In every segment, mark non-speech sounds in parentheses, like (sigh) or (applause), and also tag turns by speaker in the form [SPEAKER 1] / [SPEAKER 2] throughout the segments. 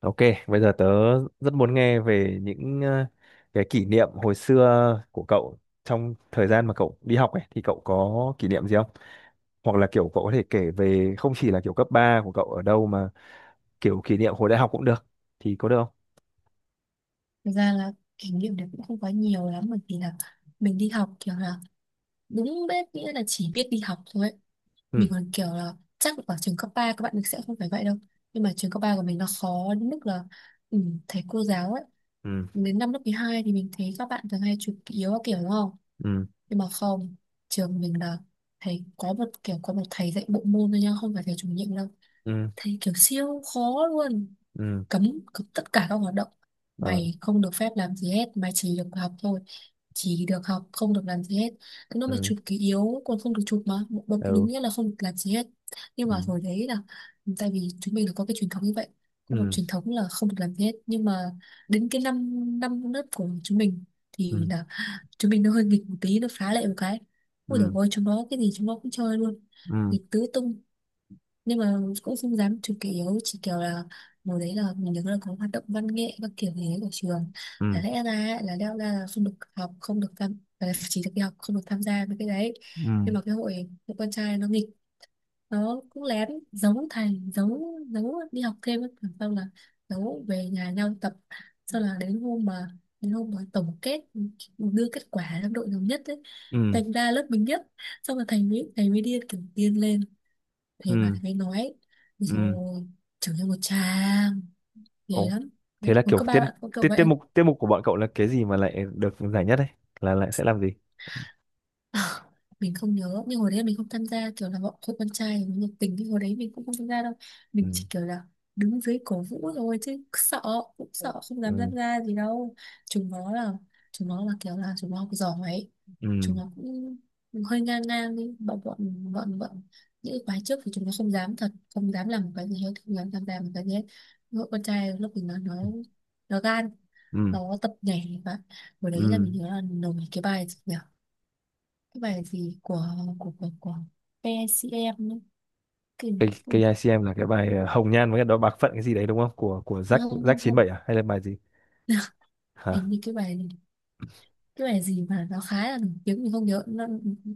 [SPEAKER 1] Ok, bây giờ tớ rất muốn nghe về những cái kỷ niệm hồi xưa của cậu trong thời gian mà cậu đi học ấy, thì cậu có kỷ niệm gì không? Hoặc là kiểu cậu có thể kể về không chỉ là kiểu cấp 3 của cậu ở đâu mà kiểu kỷ niệm hồi đại học cũng được, thì có được không?
[SPEAKER 2] Thực ra là kỷ niệm đấy cũng không quá nhiều lắm bởi vì là mình đi học kiểu là đúng biết nghĩa là chỉ biết đi học thôi ấy.
[SPEAKER 1] Ừ.
[SPEAKER 2] Mình còn kiểu là chắc ở trường cấp 3 các bạn mình sẽ không phải vậy đâu. Nhưng mà trường cấp 3 của mình nó khó đến mức là ừ, thầy cô giáo ấy.
[SPEAKER 1] Ừ.
[SPEAKER 2] Đến năm lớp 12 thì mình thấy các bạn thường hay chụp yếu các kiểu đúng không?
[SPEAKER 1] Ừ.
[SPEAKER 2] Nhưng mà không, trường mình là thầy có một kiểu có một thầy dạy bộ môn thôi nha, không phải thầy chủ nhiệm đâu.
[SPEAKER 1] Ừ.
[SPEAKER 2] Thầy kiểu siêu khó luôn,
[SPEAKER 1] Ừ.
[SPEAKER 2] cấm, cấm tất cả các hoạt động,
[SPEAKER 1] Ờ.
[SPEAKER 2] mày không được phép làm gì hết, mày chỉ được học thôi, chỉ được học không được làm gì hết. Nó mà
[SPEAKER 1] Ừ.
[SPEAKER 2] chụp ký yếu còn không được chụp mà một bậc đúng
[SPEAKER 1] Ừ.
[SPEAKER 2] nghĩa là không được làm gì hết. Nhưng mà hồi đấy là tại vì chúng mình là có cái truyền thống như vậy, có một
[SPEAKER 1] Ừ.
[SPEAKER 2] truyền thống là không được làm gì hết. Nhưng mà đến cái năm năm lớp của chúng mình thì
[SPEAKER 1] Ừ.
[SPEAKER 2] là chúng mình nó hơi nghịch một tí, nó phá lệ một cái, ui dồi
[SPEAKER 1] Ừ.
[SPEAKER 2] ôi chúng nó cái gì chúng nó cũng chơi luôn,
[SPEAKER 1] Ừ.
[SPEAKER 2] nghịch tứ tung. Nhưng mà cũng không dám chụp kỷ yếu, chỉ kiểu là mùa đấy là mình nhớ là có hoạt động văn nghệ các kiểu gì đấy của trường,
[SPEAKER 1] Ừ.
[SPEAKER 2] là
[SPEAKER 1] Ừ.
[SPEAKER 2] lẽ ra ấy, là leo ra là không được học, không được tham, là chỉ được đi học không được tham gia với cái đấy. Nhưng mà cái hội hội con trai nó nghịch, nó cũng lén giấu thầy, giấu giấu đi học thêm ấy. Xong là giấu về nhà nhau tập, sau là đến hôm mà tổng kết đưa kết quả trong đội nhóm nhất ấy,
[SPEAKER 1] Ừ. Ừ.
[SPEAKER 2] thành ra lớp mình nhất. Xong là thầy mới điên kiểu điên lên, thế mà
[SPEAKER 1] Ừ.
[SPEAKER 2] thầy mới nói
[SPEAKER 1] Ừ.
[SPEAKER 2] rồi trưởng thành một tràng ghê
[SPEAKER 1] Ồ.
[SPEAKER 2] lắm.
[SPEAKER 1] Thế
[SPEAKER 2] Đấy
[SPEAKER 1] là
[SPEAKER 2] có
[SPEAKER 1] kiểu
[SPEAKER 2] các ba
[SPEAKER 1] tiết
[SPEAKER 2] bạn có kiểu
[SPEAKER 1] tiết
[SPEAKER 2] vậy.
[SPEAKER 1] tiết mục của bọn cậu là cái gì mà lại được giải nhất đấy? Là lại sẽ làm gì?
[SPEAKER 2] À, mình không nhớ, nhưng hồi đấy mình không tham gia, kiểu là bọn hội con trai nó nhiệt tình nhưng hồi đấy mình cũng không tham gia đâu. Mình
[SPEAKER 1] Ừ.
[SPEAKER 2] chỉ kiểu là đứng dưới cổ vũ thôi chứ sợ, cũng sợ không dám
[SPEAKER 1] Ừ.
[SPEAKER 2] tham gia gì đâu. chúng nó là Chúng nó là kiểu là chúng nó học giỏi ấy,
[SPEAKER 1] Ừ.
[SPEAKER 2] chúng nó cũng hơi ngang ngang đi. Bọn bọn bọn bọn những cái khóa trước thì chúng nó không dám thật, không dám làm một cái gì hết, không dám tham gia một cái gì hết. Hội con trai lúc mình nó nó gan,
[SPEAKER 1] Ừ.
[SPEAKER 2] nó tập nhảy. Và hồi đấy là
[SPEAKER 1] Ừ.
[SPEAKER 2] mình nhớ là nổi cái bài gì nhỉ? Cái bài gì của PCM ấy. Cái,
[SPEAKER 1] Cái
[SPEAKER 2] cái,
[SPEAKER 1] cái ICM là cái bài Hồng Nhan với cái đó Bạc Phận cái gì đấy đúng không? Của Jack
[SPEAKER 2] nó không
[SPEAKER 1] Jack
[SPEAKER 2] không
[SPEAKER 1] chín
[SPEAKER 2] không.
[SPEAKER 1] bảy à hay là bài gì?
[SPEAKER 2] (laughs) Hình
[SPEAKER 1] Hả?
[SPEAKER 2] như cái bài gì mà nó khá là nổi tiếng mình không nhớ, nó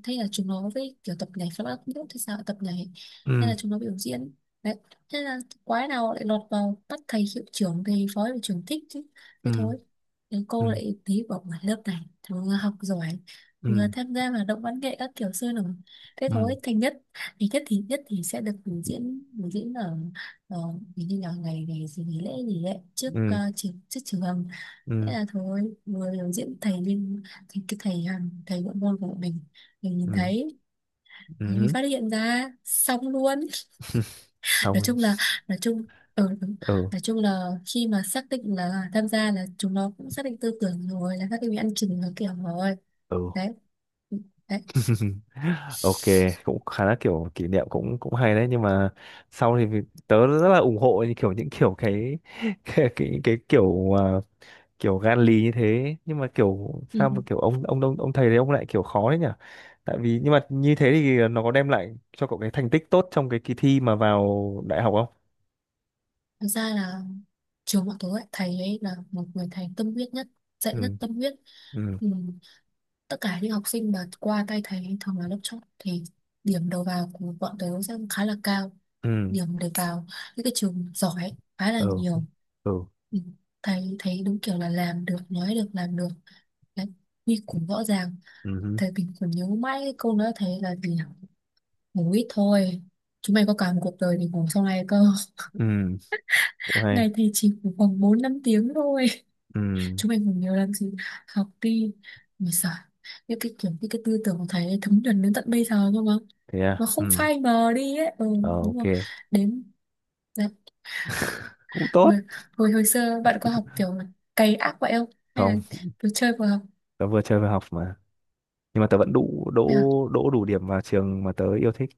[SPEAKER 2] thấy là chúng nó với kiểu tập nhảy flamenco, không biết thế sao lại tập nhảy, nên
[SPEAKER 1] Ừ.
[SPEAKER 2] là chúng nó biểu diễn. Đấy, thế là quái nào lại lọt vào bắt thầy hiệu trưởng thầy phó hiệu trưởng thích chứ. Thế
[SPEAKER 1] Ừ.
[SPEAKER 2] thôi thì
[SPEAKER 1] Ừ.
[SPEAKER 2] cô lại tí bảo ngoài lớp này thằng vừa học giỏi vừa
[SPEAKER 1] Ừ.
[SPEAKER 2] tham gia hoạt động văn nghệ các kiểu sôi nổi, thế
[SPEAKER 1] Ừ.
[SPEAKER 2] thôi thành nhất. Thì nhất thì sẽ được biểu diễn, biểu diễn ở, ở như là ngày ngày gì nghỉ lễ gì đấy trước
[SPEAKER 1] Ừ.
[SPEAKER 2] trường, trước trường. Thế
[SPEAKER 1] Ừ.
[SPEAKER 2] là thôi vừa biểu diễn thầy bên, thầy cái thầy hàng thầy bộ môn của bọn mình nhìn
[SPEAKER 1] Ừ.
[SPEAKER 2] thấy thì
[SPEAKER 1] Ừ.
[SPEAKER 2] phát hiện ra xong luôn. (laughs) nói
[SPEAKER 1] Xong.
[SPEAKER 2] chung là nói chung ừ, đúng.
[SPEAKER 1] Ừ.
[SPEAKER 2] Nói chung là khi mà xác định là tham gia là chúng nó cũng xác định tư tưởng rồi, là xác định bị ăn chừng nó kiểu rồi.
[SPEAKER 1] Ừ.
[SPEAKER 2] Đấy. Ừ, đấy.
[SPEAKER 1] (laughs) Ok, cũng khá là kiểu kỷ niệm cũng cũng hay đấy, nhưng mà sau thì tớ rất là ủng hộ những kiểu cái (laughs) cái kiểu kiểu gan lì như thế, nhưng mà kiểu
[SPEAKER 2] Ừ.
[SPEAKER 1] sao mà
[SPEAKER 2] ừ.
[SPEAKER 1] kiểu ông thầy đấy ông lại kiểu khó đấy nhỉ? Tại vì nhưng mà như thế thì nó có đem lại cho cậu cái thành tích tốt trong cái kỳ thi mà vào đại học không?
[SPEAKER 2] Thực ra là trường bọn tôi ấy, thầy ấy là một người thầy tâm huyết nhất, dạy rất
[SPEAKER 1] Ừ.
[SPEAKER 2] tâm huyết.
[SPEAKER 1] Ừ.
[SPEAKER 2] Ừ. Tất cả những học sinh mà qua tay thầy thường là lớp chót thì điểm đầu vào của bọn tớ sẽ khá là cao,
[SPEAKER 1] Ừ.
[SPEAKER 2] điểm để vào những cái trường giỏi khá là
[SPEAKER 1] Ừ.
[SPEAKER 2] nhiều.
[SPEAKER 1] Ừ.
[SPEAKER 2] Ừ, thầy thấy đúng kiểu là làm được, nói được làm được. Đấy, quy củ rõ ràng.
[SPEAKER 1] Ừ. Ừ.
[SPEAKER 2] Thầy, mình còn nhớ mãi cái câu nói thầy là gì nhỉ? Ngủ ít thôi, chúng mày có cả một cuộc đời để ngủ sau này cơ.
[SPEAKER 1] Ừ, cũng
[SPEAKER 2] (laughs)
[SPEAKER 1] hay.
[SPEAKER 2] Ngày thì chỉ ngủ khoảng bốn năm tiếng thôi,
[SPEAKER 1] Ừ.
[SPEAKER 2] chúng mình còn nhiều làm gì, học đi mà sợ. Những cái kiểu những cái tư tưởng của thầy ấy thấm nhuần đến tận bây giờ cơ mà
[SPEAKER 1] Thế à.
[SPEAKER 2] mà không
[SPEAKER 1] Ừ.
[SPEAKER 2] phai mờ đi ấy. Ừ,
[SPEAKER 1] Ờ,
[SPEAKER 2] đúng
[SPEAKER 1] ok,
[SPEAKER 2] không, đến đấy.
[SPEAKER 1] cũng
[SPEAKER 2] Hồi,
[SPEAKER 1] tốt.
[SPEAKER 2] hồi hồi xưa bạn có học kiểu là cày ác vậy không hay là
[SPEAKER 1] Không,
[SPEAKER 2] cứ chơi vừa học?
[SPEAKER 1] tớ vừa chơi vừa học mà, nhưng mà tớ vẫn đủ đỗ,
[SPEAKER 2] Thế à?
[SPEAKER 1] đỗ đủ điểm vào trường mà tớ yêu thích.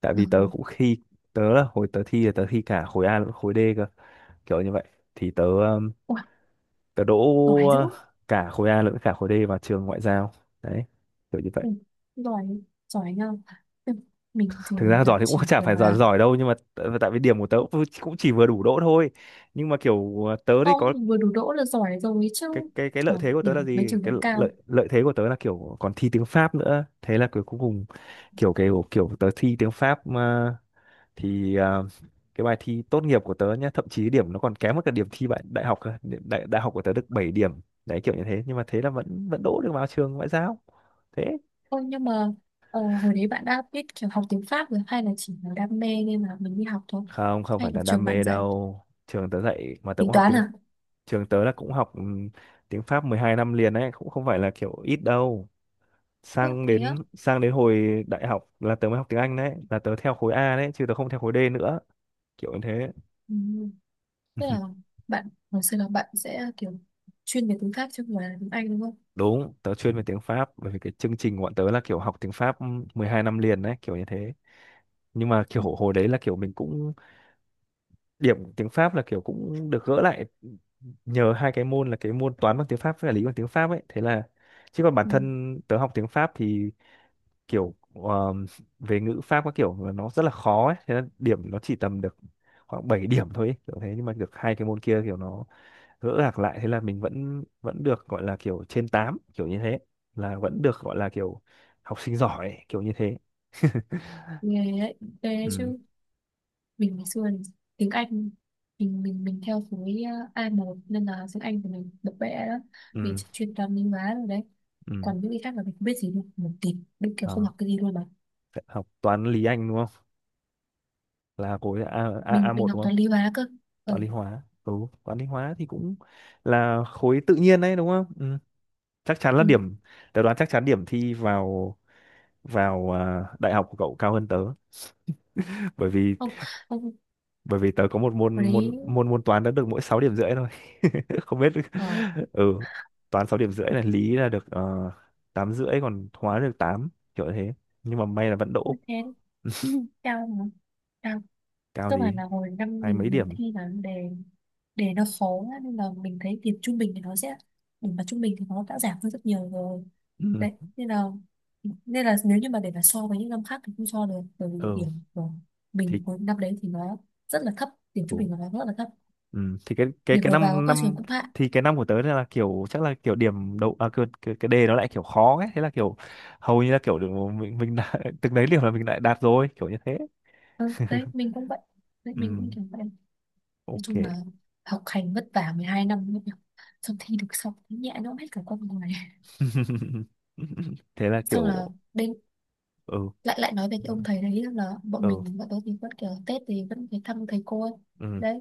[SPEAKER 1] Tại vì tớ
[SPEAKER 2] Ừ.
[SPEAKER 1] cũng khi tớ là hồi tớ thi là tớ thi cả khối A lẫn khối D cơ, kiểu như vậy. Thì tớ
[SPEAKER 2] Ủa,
[SPEAKER 1] tớ đỗ
[SPEAKER 2] giỏi dữ.
[SPEAKER 1] uh, cả khối A lẫn cả khối D vào trường ngoại giao, đấy, kiểu như vậy.
[SPEAKER 2] ừ, giỏi, giỏi nhau. Ừ. Mình
[SPEAKER 1] Thực
[SPEAKER 2] thường
[SPEAKER 1] ra
[SPEAKER 2] là
[SPEAKER 1] giỏi thì cũng
[SPEAKER 2] chỉ
[SPEAKER 1] (laughs) chả phải
[SPEAKER 2] kiểu
[SPEAKER 1] giỏi
[SPEAKER 2] là
[SPEAKER 1] giỏi đâu nhưng mà tại vì điểm của tớ cũng cũng chỉ vừa đủ đỗ thôi, nhưng mà kiểu tớ thì có
[SPEAKER 2] không, vừa đủ đỗ là giỏi rồi chứ.
[SPEAKER 1] cái
[SPEAKER 2] Ờ,
[SPEAKER 1] lợi thế của tớ là
[SPEAKER 2] điểm mấy
[SPEAKER 1] gì,
[SPEAKER 2] trường
[SPEAKER 1] cái
[SPEAKER 2] cũng cao.
[SPEAKER 1] lợi lợi thế của tớ là kiểu còn thi tiếng Pháp nữa, thế là cuối cùng kiểu cái kiểu tớ thi tiếng Pháp, thì à, cái bài thi tốt nghiệp của tớ nhá, thậm chí điểm nó còn kém hơn cả điểm thi bạn đại học cơ. Đại đại học của tớ được 7 điểm, đấy kiểu như thế, nhưng mà thế là vẫn vẫn đỗ được vào trường ngoại giao. Thế.
[SPEAKER 2] Ôi nhưng mà hồi đấy bạn đã biết kiểu học tiếng Pháp rồi hay là chỉ là đam mê nên là mình đi học thôi?
[SPEAKER 1] Không, không phải
[SPEAKER 2] Hay là
[SPEAKER 1] là đam
[SPEAKER 2] trường bạn
[SPEAKER 1] mê
[SPEAKER 2] dạy
[SPEAKER 1] đâu. Trường tớ dạy mà tớ
[SPEAKER 2] tính
[SPEAKER 1] cũng học
[SPEAKER 2] toán
[SPEAKER 1] tiếng,
[SPEAKER 2] à?
[SPEAKER 1] trường tớ là cũng học tiếng Pháp 12 năm liền đấy, cũng không phải là kiểu ít đâu.
[SPEAKER 2] Ủa,
[SPEAKER 1] sang
[SPEAKER 2] thế á?
[SPEAKER 1] đến sang đến hồi đại học là tớ mới học tiếng Anh, đấy là tớ theo khối A đấy chứ tớ không theo khối D nữa, kiểu như thế.
[SPEAKER 2] Ừ. Tức là bạn hồi xưa là bạn sẽ kiểu chuyên về tiếng Pháp chứ không phải là tiếng Anh đúng không?
[SPEAKER 1] Đúng, tớ chuyên về tiếng Pháp bởi vì cái chương trình của bọn tớ là kiểu học tiếng Pháp 12 năm liền đấy, kiểu như thế. Nhưng mà kiểu
[SPEAKER 2] Ừ.
[SPEAKER 1] hồi đấy là kiểu mình cũng, điểm tiếng Pháp là kiểu cũng được gỡ lại nhờ hai cái môn là cái môn toán bằng tiếng Pháp với cả lý bằng tiếng Pháp ấy. Thế là, chứ còn bản
[SPEAKER 2] Ừ.
[SPEAKER 1] thân tớ học tiếng Pháp thì kiểu về ngữ Pháp các kiểu là nó rất là khó ấy, thế là điểm nó chỉ tầm được khoảng 7 điểm thôi ấy, kiểu thế. Nhưng mà được hai cái môn kia kiểu nó gỡ gạc lại, thế là mình vẫn vẫn được gọi là kiểu trên tám, kiểu như thế, là vẫn được gọi là kiểu học sinh giỏi kiểu như thế. (laughs)
[SPEAKER 2] Nghe đấy, ghê đấy
[SPEAKER 1] Ừ.
[SPEAKER 2] chứ. Mình ngày xưa thì tiếng Anh, mình theo khối A1 nên là tiếng Anh của mình bập bẹ đó. Mình
[SPEAKER 1] Ừ.
[SPEAKER 2] chỉ chuyên toán lý hóa rồi đấy,
[SPEAKER 1] Ừ.
[SPEAKER 2] còn những cái khác là mình không biết gì luôn một tí, mình kiểu không
[SPEAKER 1] Đó.
[SPEAKER 2] học cái gì luôn mà.
[SPEAKER 1] Học toán lý anh đúng không, là khối A, A
[SPEAKER 2] mình
[SPEAKER 1] A1
[SPEAKER 2] mình học
[SPEAKER 1] đúng không.
[SPEAKER 2] toán lý hóa cơ. Ờ,
[SPEAKER 1] Toán lý hóa. Ừ. Toán lý hóa thì cũng là khối tự nhiên đấy đúng không. Ừ. Chắc chắn là
[SPEAKER 2] Ừ.
[SPEAKER 1] điểm, tớ đoán chắc chắn điểm thi vào, vào đại học của cậu cao hơn tớ (laughs) bởi vì,
[SPEAKER 2] Không, không,
[SPEAKER 1] bởi vì tớ có một
[SPEAKER 2] hồi
[SPEAKER 1] môn môn
[SPEAKER 2] đấy
[SPEAKER 1] môn môn toán đã được mỗi 6,5 điểm thôi. (laughs) Không biết.
[SPEAKER 2] ờ
[SPEAKER 1] Ừ. Toán 6,5 điểm này, lý là được 8 rưỡi, còn hóa được tám, kiểu thế, nhưng mà may là vẫn
[SPEAKER 2] không
[SPEAKER 1] đỗ.
[SPEAKER 2] thế
[SPEAKER 1] (laughs)
[SPEAKER 2] cao mà cao.
[SPEAKER 1] Cao
[SPEAKER 2] Cơ
[SPEAKER 1] gì,
[SPEAKER 2] bản là hồi năm
[SPEAKER 1] hai
[SPEAKER 2] mình
[SPEAKER 1] mấy
[SPEAKER 2] mình
[SPEAKER 1] điểm.
[SPEAKER 2] thi là đề, đề nó khó á, nên là mình thấy điểm trung bình thì nó sẽ, điểm mà trung bình thì nó đã giảm hơn rất nhiều rồi.
[SPEAKER 1] Ừ.
[SPEAKER 2] Đấy nên là, nên là nếu như mà để mà so với những năm khác thì không so được, bởi vì
[SPEAKER 1] Ừ.
[SPEAKER 2] điểm của
[SPEAKER 1] Thì.
[SPEAKER 2] mình hồi năm đấy thì nó rất là thấp, điểm trung
[SPEAKER 1] Ừ.
[SPEAKER 2] bình của nó rất là thấp,
[SPEAKER 1] Ừ. Thì cái cái
[SPEAKER 2] điểm
[SPEAKER 1] cái
[SPEAKER 2] đầu vào của
[SPEAKER 1] năm
[SPEAKER 2] các trường
[SPEAKER 1] năm
[SPEAKER 2] cũng hạ.
[SPEAKER 1] thì cái năm của tớ là kiểu chắc là kiểu điểm đầu à, cái đề nó lại kiểu khó ấy, thế là kiểu hầu như là kiểu được mình đã, (laughs) từng đấy điểm là mình lại đạt rồi, kiểu như thế.
[SPEAKER 2] Ừ, đấy mình cũng vậy, đấy
[SPEAKER 1] Ừ.
[SPEAKER 2] mình cũng kiểu vậy. Nói
[SPEAKER 1] Ok.
[SPEAKER 2] chung là học hành vất vả 12 năm luôn nhỉ. Xong thi được xong nhẹ nhõm hết cả con người. (laughs)
[SPEAKER 1] (laughs) Thế là
[SPEAKER 2] Xong
[SPEAKER 1] kiểu.
[SPEAKER 2] là đến
[SPEAKER 1] Ừ.
[SPEAKER 2] lại, lại nói về cái ông thầy đấy là bọn
[SPEAKER 1] Ừ.
[SPEAKER 2] mình, bọn tôi thì vẫn kiểu Tết thì vẫn phải thăm thầy cô ấy.
[SPEAKER 1] Ừ.
[SPEAKER 2] Đấy.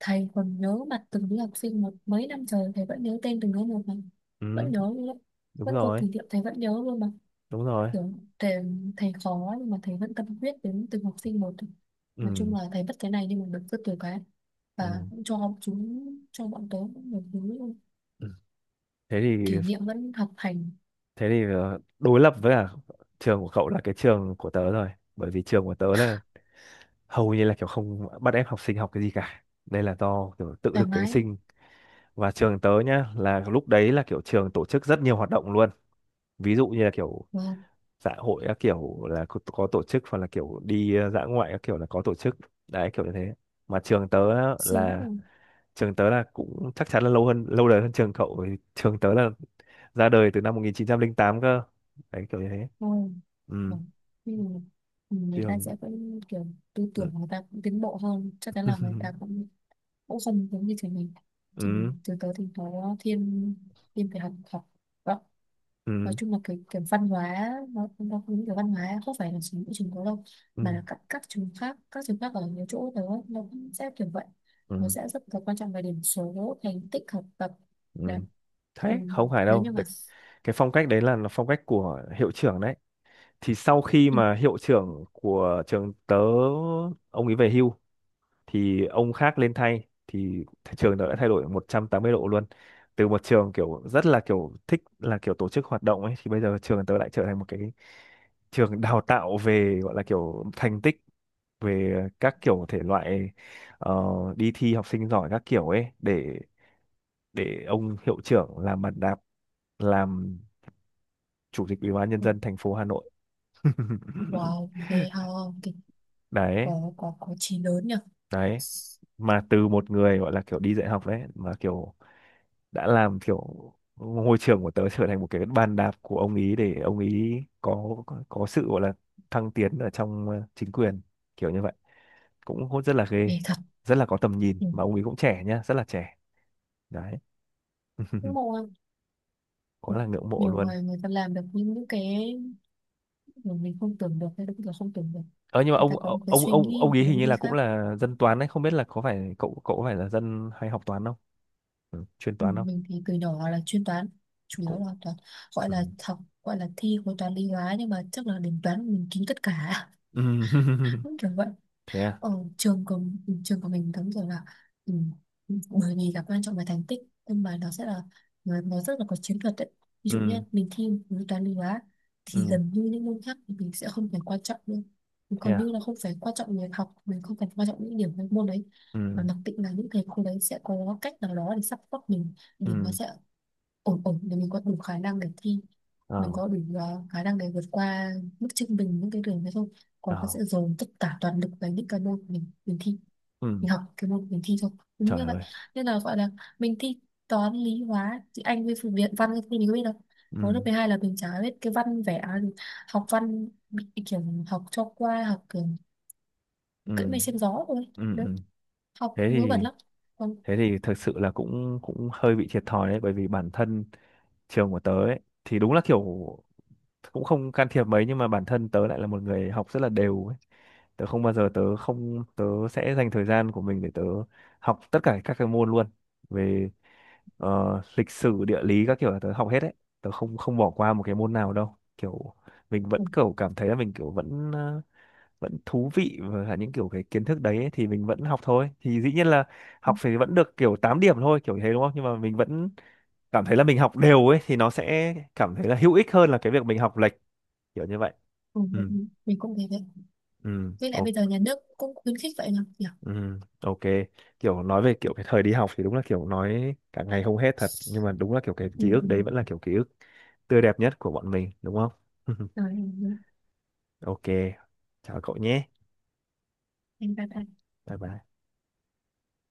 [SPEAKER 2] Thầy còn nhớ mặt từng đứa học sinh một, mấy năm trời thầy vẫn nhớ tên từng đứa một mà,
[SPEAKER 1] Ừ.
[SPEAKER 2] vẫn nhớ luôn đấy.
[SPEAKER 1] Đúng
[SPEAKER 2] Vẫn có
[SPEAKER 1] rồi.
[SPEAKER 2] kỷ niệm thầy vẫn nhớ luôn mà,
[SPEAKER 1] Đúng rồi.
[SPEAKER 2] kiểu thầy, thầy khó nhưng mà thầy vẫn tâm huyết đến từng học sinh một. Nói
[SPEAKER 1] Ừ.
[SPEAKER 2] chung là thầy bất cái này nhưng mà được rất nhiều cái,
[SPEAKER 1] Ừ.
[SPEAKER 2] và cũng cho chúng, cho bọn tớ cũng được thứ
[SPEAKER 1] Ừ. thế thì
[SPEAKER 2] kỷ niệm vẫn học hành
[SPEAKER 1] thế thì đối lập với cả trường của cậu là cái trường của tớ rồi, bởi vì trường của tớ là hầu như là kiểu không bắt ép học sinh học cái gì cả, đây là do kiểu tự
[SPEAKER 2] thoải
[SPEAKER 1] lực cánh
[SPEAKER 2] mái.
[SPEAKER 1] sinh, và trường tớ nhá là lúc đấy là kiểu trường tổ chức rất nhiều hoạt động luôn, ví dụ như là kiểu
[SPEAKER 2] Vâng,
[SPEAKER 1] xã hội các kiểu là có tổ chức, hoặc là kiểu đi dã ngoại các kiểu là có tổ chức, đấy kiểu như thế. Mà trường tớ á,
[SPEAKER 2] sướng
[SPEAKER 1] là
[SPEAKER 2] rồi.
[SPEAKER 1] trường tớ là cũng chắc chắn là lâu hơn, lâu đời hơn trường cậu, vì trường tớ là ra đời từ năm 1908 cơ, đấy kiểu như thế.
[SPEAKER 2] Vâng,
[SPEAKER 1] Ừ.
[SPEAKER 2] vâng. Thế thì người ta
[SPEAKER 1] Trường.
[SPEAKER 2] sẽ vẫn kiểu tư
[SPEAKER 1] Ừ.
[SPEAKER 2] tưởng người ta cũng tiến bộ hơn, chắc chắn là người ta
[SPEAKER 1] (laughs)
[SPEAKER 2] cũng cũng không giống như trường mình. Trường
[SPEAKER 1] Ừ.
[SPEAKER 2] mình từ tới thì nó thiên, thiên về học, học. Vâng, nói
[SPEAKER 1] Ừ.
[SPEAKER 2] chung là cái văn hóa, nó cũng cái văn hóa không phải là chỉ mỗi trường có đâu,
[SPEAKER 1] Ừ.
[SPEAKER 2] mà là các trường khác, các trường khác ở nhiều chỗ nữa nó cũng sẽ kiểu vậy.
[SPEAKER 1] Ừ.
[SPEAKER 2] Nó
[SPEAKER 1] Ừ.
[SPEAKER 2] sẽ rất là quan trọng về điểm số, thành tích học tập. Đấy.
[SPEAKER 1] Ừ.
[SPEAKER 2] Ừ.
[SPEAKER 1] Thế không phải
[SPEAKER 2] Nếu
[SPEAKER 1] đâu.
[SPEAKER 2] như mà
[SPEAKER 1] Đấy, cái phong cách đấy là, phong cách của hiệu trưởng đấy, thì sau khi
[SPEAKER 2] ừ.
[SPEAKER 1] mà hiệu trưởng của trường tớ ông ấy về hưu, thì ông khác lên thay thì thị trường nó đã thay đổi 180 độ luôn. Từ một trường kiểu rất là kiểu thích là kiểu tổ chức hoạt động ấy, thì bây giờ trường tớ lại trở thành một cái trường đào tạo về gọi là kiểu thành tích, về các kiểu thể loại ờ, đi thi học sinh giỏi các kiểu ấy, để ông hiệu trưởng làm bàn đạp, làm chủ tịch Ủy ban Nhân
[SPEAKER 2] ừ.
[SPEAKER 1] dân thành phố Hà Nội. (laughs)
[SPEAKER 2] Wow, ghê ha. Cái
[SPEAKER 1] Đấy.
[SPEAKER 2] có có chí lớn nhỉ.
[SPEAKER 1] Đấy, mà từ một người gọi là kiểu đi dạy học đấy, mà kiểu đã làm kiểu ngôi trường của tớ trở thành một cái bàn đạp của ông ý, để ông ý có có sự gọi là thăng tiến ở trong chính quyền, kiểu như vậy, cũng hốt rất là ghê,
[SPEAKER 2] Ghê thật.
[SPEAKER 1] rất là có tầm nhìn.
[SPEAKER 2] Ừ.
[SPEAKER 1] Mà ông ý cũng trẻ nhá, rất là trẻ, đấy.
[SPEAKER 2] Ngưỡng
[SPEAKER 1] (laughs)
[SPEAKER 2] mộ em. Ừ.
[SPEAKER 1] Quá là ngưỡng mộ
[SPEAKER 2] Nhiều
[SPEAKER 1] luôn.
[SPEAKER 2] người, người ta làm được những cái mà mình không tưởng được, hay là không tưởng được.
[SPEAKER 1] Ờ nhưng mà
[SPEAKER 2] Người
[SPEAKER 1] ông
[SPEAKER 2] ta có một
[SPEAKER 1] ông
[SPEAKER 2] cái
[SPEAKER 1] ông
[SPEAKER 2] suy
[SPEAKER 1] ông
[SPEAKER 2] nghĩ,
[SPEAKER 1] ông
[SPEAKER 2] một
[SPEAKER 1] ý
[SPEAKER 2] cái
[SPEAKER 1] hình
[SPEAKER 2] lối
[SPEAKER 1] như
[SPEAKER 2] đi
[SPEAKER 1] là cũng
[SPEAKER 2] khác.
[SPEAKER 1] là dân toán đấy, không biết là có phải cậu cậu có phải là dân hay học toán không, ừ, chuyên
[SPEAKER 2] Ừ,
[SPEAKER 1] toán không.
[SPEAKER 2] mình thì từ nhỏ là chuyên toán, chủ yếu
[SPEAKER 1] Cũng.
[SPEAKER 2] là toán, gọi
[SPEAKER 1] Ừ.
[SPEAKER 2] là học, gọi là thi khối toán lý hóa nhưng mà chắc là đến toán mình kín tất cả.
[SPEAKER 1] Ừ.
[SPEAKER 2] (laughs)
[SPEAKER 1] (laughs)
[SPEAKER 2] Đúng kiểu vậy.
[SPEAKER 1] Thế à.
[SPEAKER 2] Ở trường của, ừ, trường của mình đúng rồi là, ừ, bởi vì là quan trọng về thành tích, nhưng mà nó sẽ là, nó rất là có chiến thuật đấy. Ví dụ như
[SPEAKER 1] Ừ.
[SPEAKER 2] mình thi khối toán lý hóa thì
[SPEAKER 1] Ừ.
[SPEAKER 2] gần như những môn khác thì mình sẽ không phải quan trọng nữa,
[SPEAKER 1] Thế
[SPEAKER 2] còn
[SPEAKER 1] à.
[SPEAKER 2] như là không phải quan trọng việc học, mình không cần quan trọng những điểm trong môn đấy, mà
[SPEAKER 1] Ừ.
[SPEAKER 2] mặc định là những thầy cô đấy sẽ có cách nào đó để support mình. Điểm nó
[SPEAKER 1] Ừ.
[SPEAKER 2] sẽ ổn ổn để mình có đủ khả năng để thi,
[SPEAKER 1] Ờ.
[SPEAKER 2] mình có đủ khả năng để vượt qua mức trung bình những cái đường đấy không. Còn nó
[SPEAKER 1] Ờ.
[SPEAKER 2] sẽ dồn tất cả toàn lực vào những cái môn mình thi,
[SPEAKER 1] Ừ.
[SPEAKER 2] mình học cái môn mình thi thôi. Đúng
[SPEAKER 1] Trời
[SPEAKER 2] như vậy,
[SPEAKER 1] ơi.
[SPEAKER 2] nên là gọi là mình thi toán lý hóa thì anh với phụ viện văn thì mình có biết đâu.
[SPEAKER 1] Ừ.
[SPEAKER 2] Hồi lớp 12 là mình chả biết cái văn vẽ gì. Học văn bị kiểu học cho qua, học kiểu
[SPEAKER 1] Ừ.
[SPEAKER 2] cưỡi mây xem gió thôi
[SPEAKER 1] Ừ.
[SPEAKER 2] đấy,
[SPEAKER 1] Ừ.
[SPEAKER 2] học
[SPEAKER 1] thế
[SPEAKER 2] ngớ bẩn
[SPEAKER 1] thì
[SPEAKER 2] lắm. Còn
[SPEAKER 1] Thế thì thực sự là cũng cũng hơi bị thiệt thòi đấy, bởi vì bản thân trường của tớ ấy thì đúng là kiểu cũng không can thiệp mấy, nhưng mà bản thân tớ lại là một người học rất là đều ấy. Tớ không bao giờ tớ không Tớ sẽ dành thời gian của mình để tớ học tất cả các cái môn luôn, về lịch sử, địa lý các kiểu là tớ học hết đấy, tớ không, không bỏ qua một cái môn nào đâu, kiểu mình
[SPEAKER 2] ừ,
[SPEAKER 1] vẫn kiểu cảm thấy là mình kiểu vẫn vẫn thú vị và cả những kiểu cái kiến thức đấy ấy, thì mình vẫn học thôi, thì dĩ nhiên là
[SPEAKER 2] ừ,
[SPEAKER 1] học phải vẫn được kiểu 8 điểm thôi kiểu thế đúng không, nhưng mà mình vẫn cảm thấy là mình học đều ấy thì nó sẽ cảm thấy là hữu ích hơn là cái việc mình học lệch, kiểu như vậy.
[SPEAKER 2] ừ,
[SPEAKER 1] Ừ.
[SPEAKER 2] mình cũng thế đấy.
[SPEAKER 1] Ừ.
[SPEAKER 2] Với lại
[SPEAKER 1] Ok.
[SPEAKER 2] bây giờ nhà nước cũng khuyến khích vậy mà.
[SPEAKER 1] Ừ, ok. Kiểu nói về kiểu cái thời đi học thì đúng là kiểu nói cả ngày không hết thật, nhưng mà đúng là kiểu cái
[SPEAKER 2] Ừ,
[SPEAKER 1] ký ức
[SPEAKER 2] ừ.
[SPEAKER 1] đấy vẫn là kiểu ký ức tươi đẹp nhất của bọn mình đúng không. (laughs)
[SPEAKER 2] Rồi em.
[SPEAKER 1] Ok, chào cậu nhé.
[SPEAKER 2] Em bye bye.
[SPEAKER 1] Bye bye.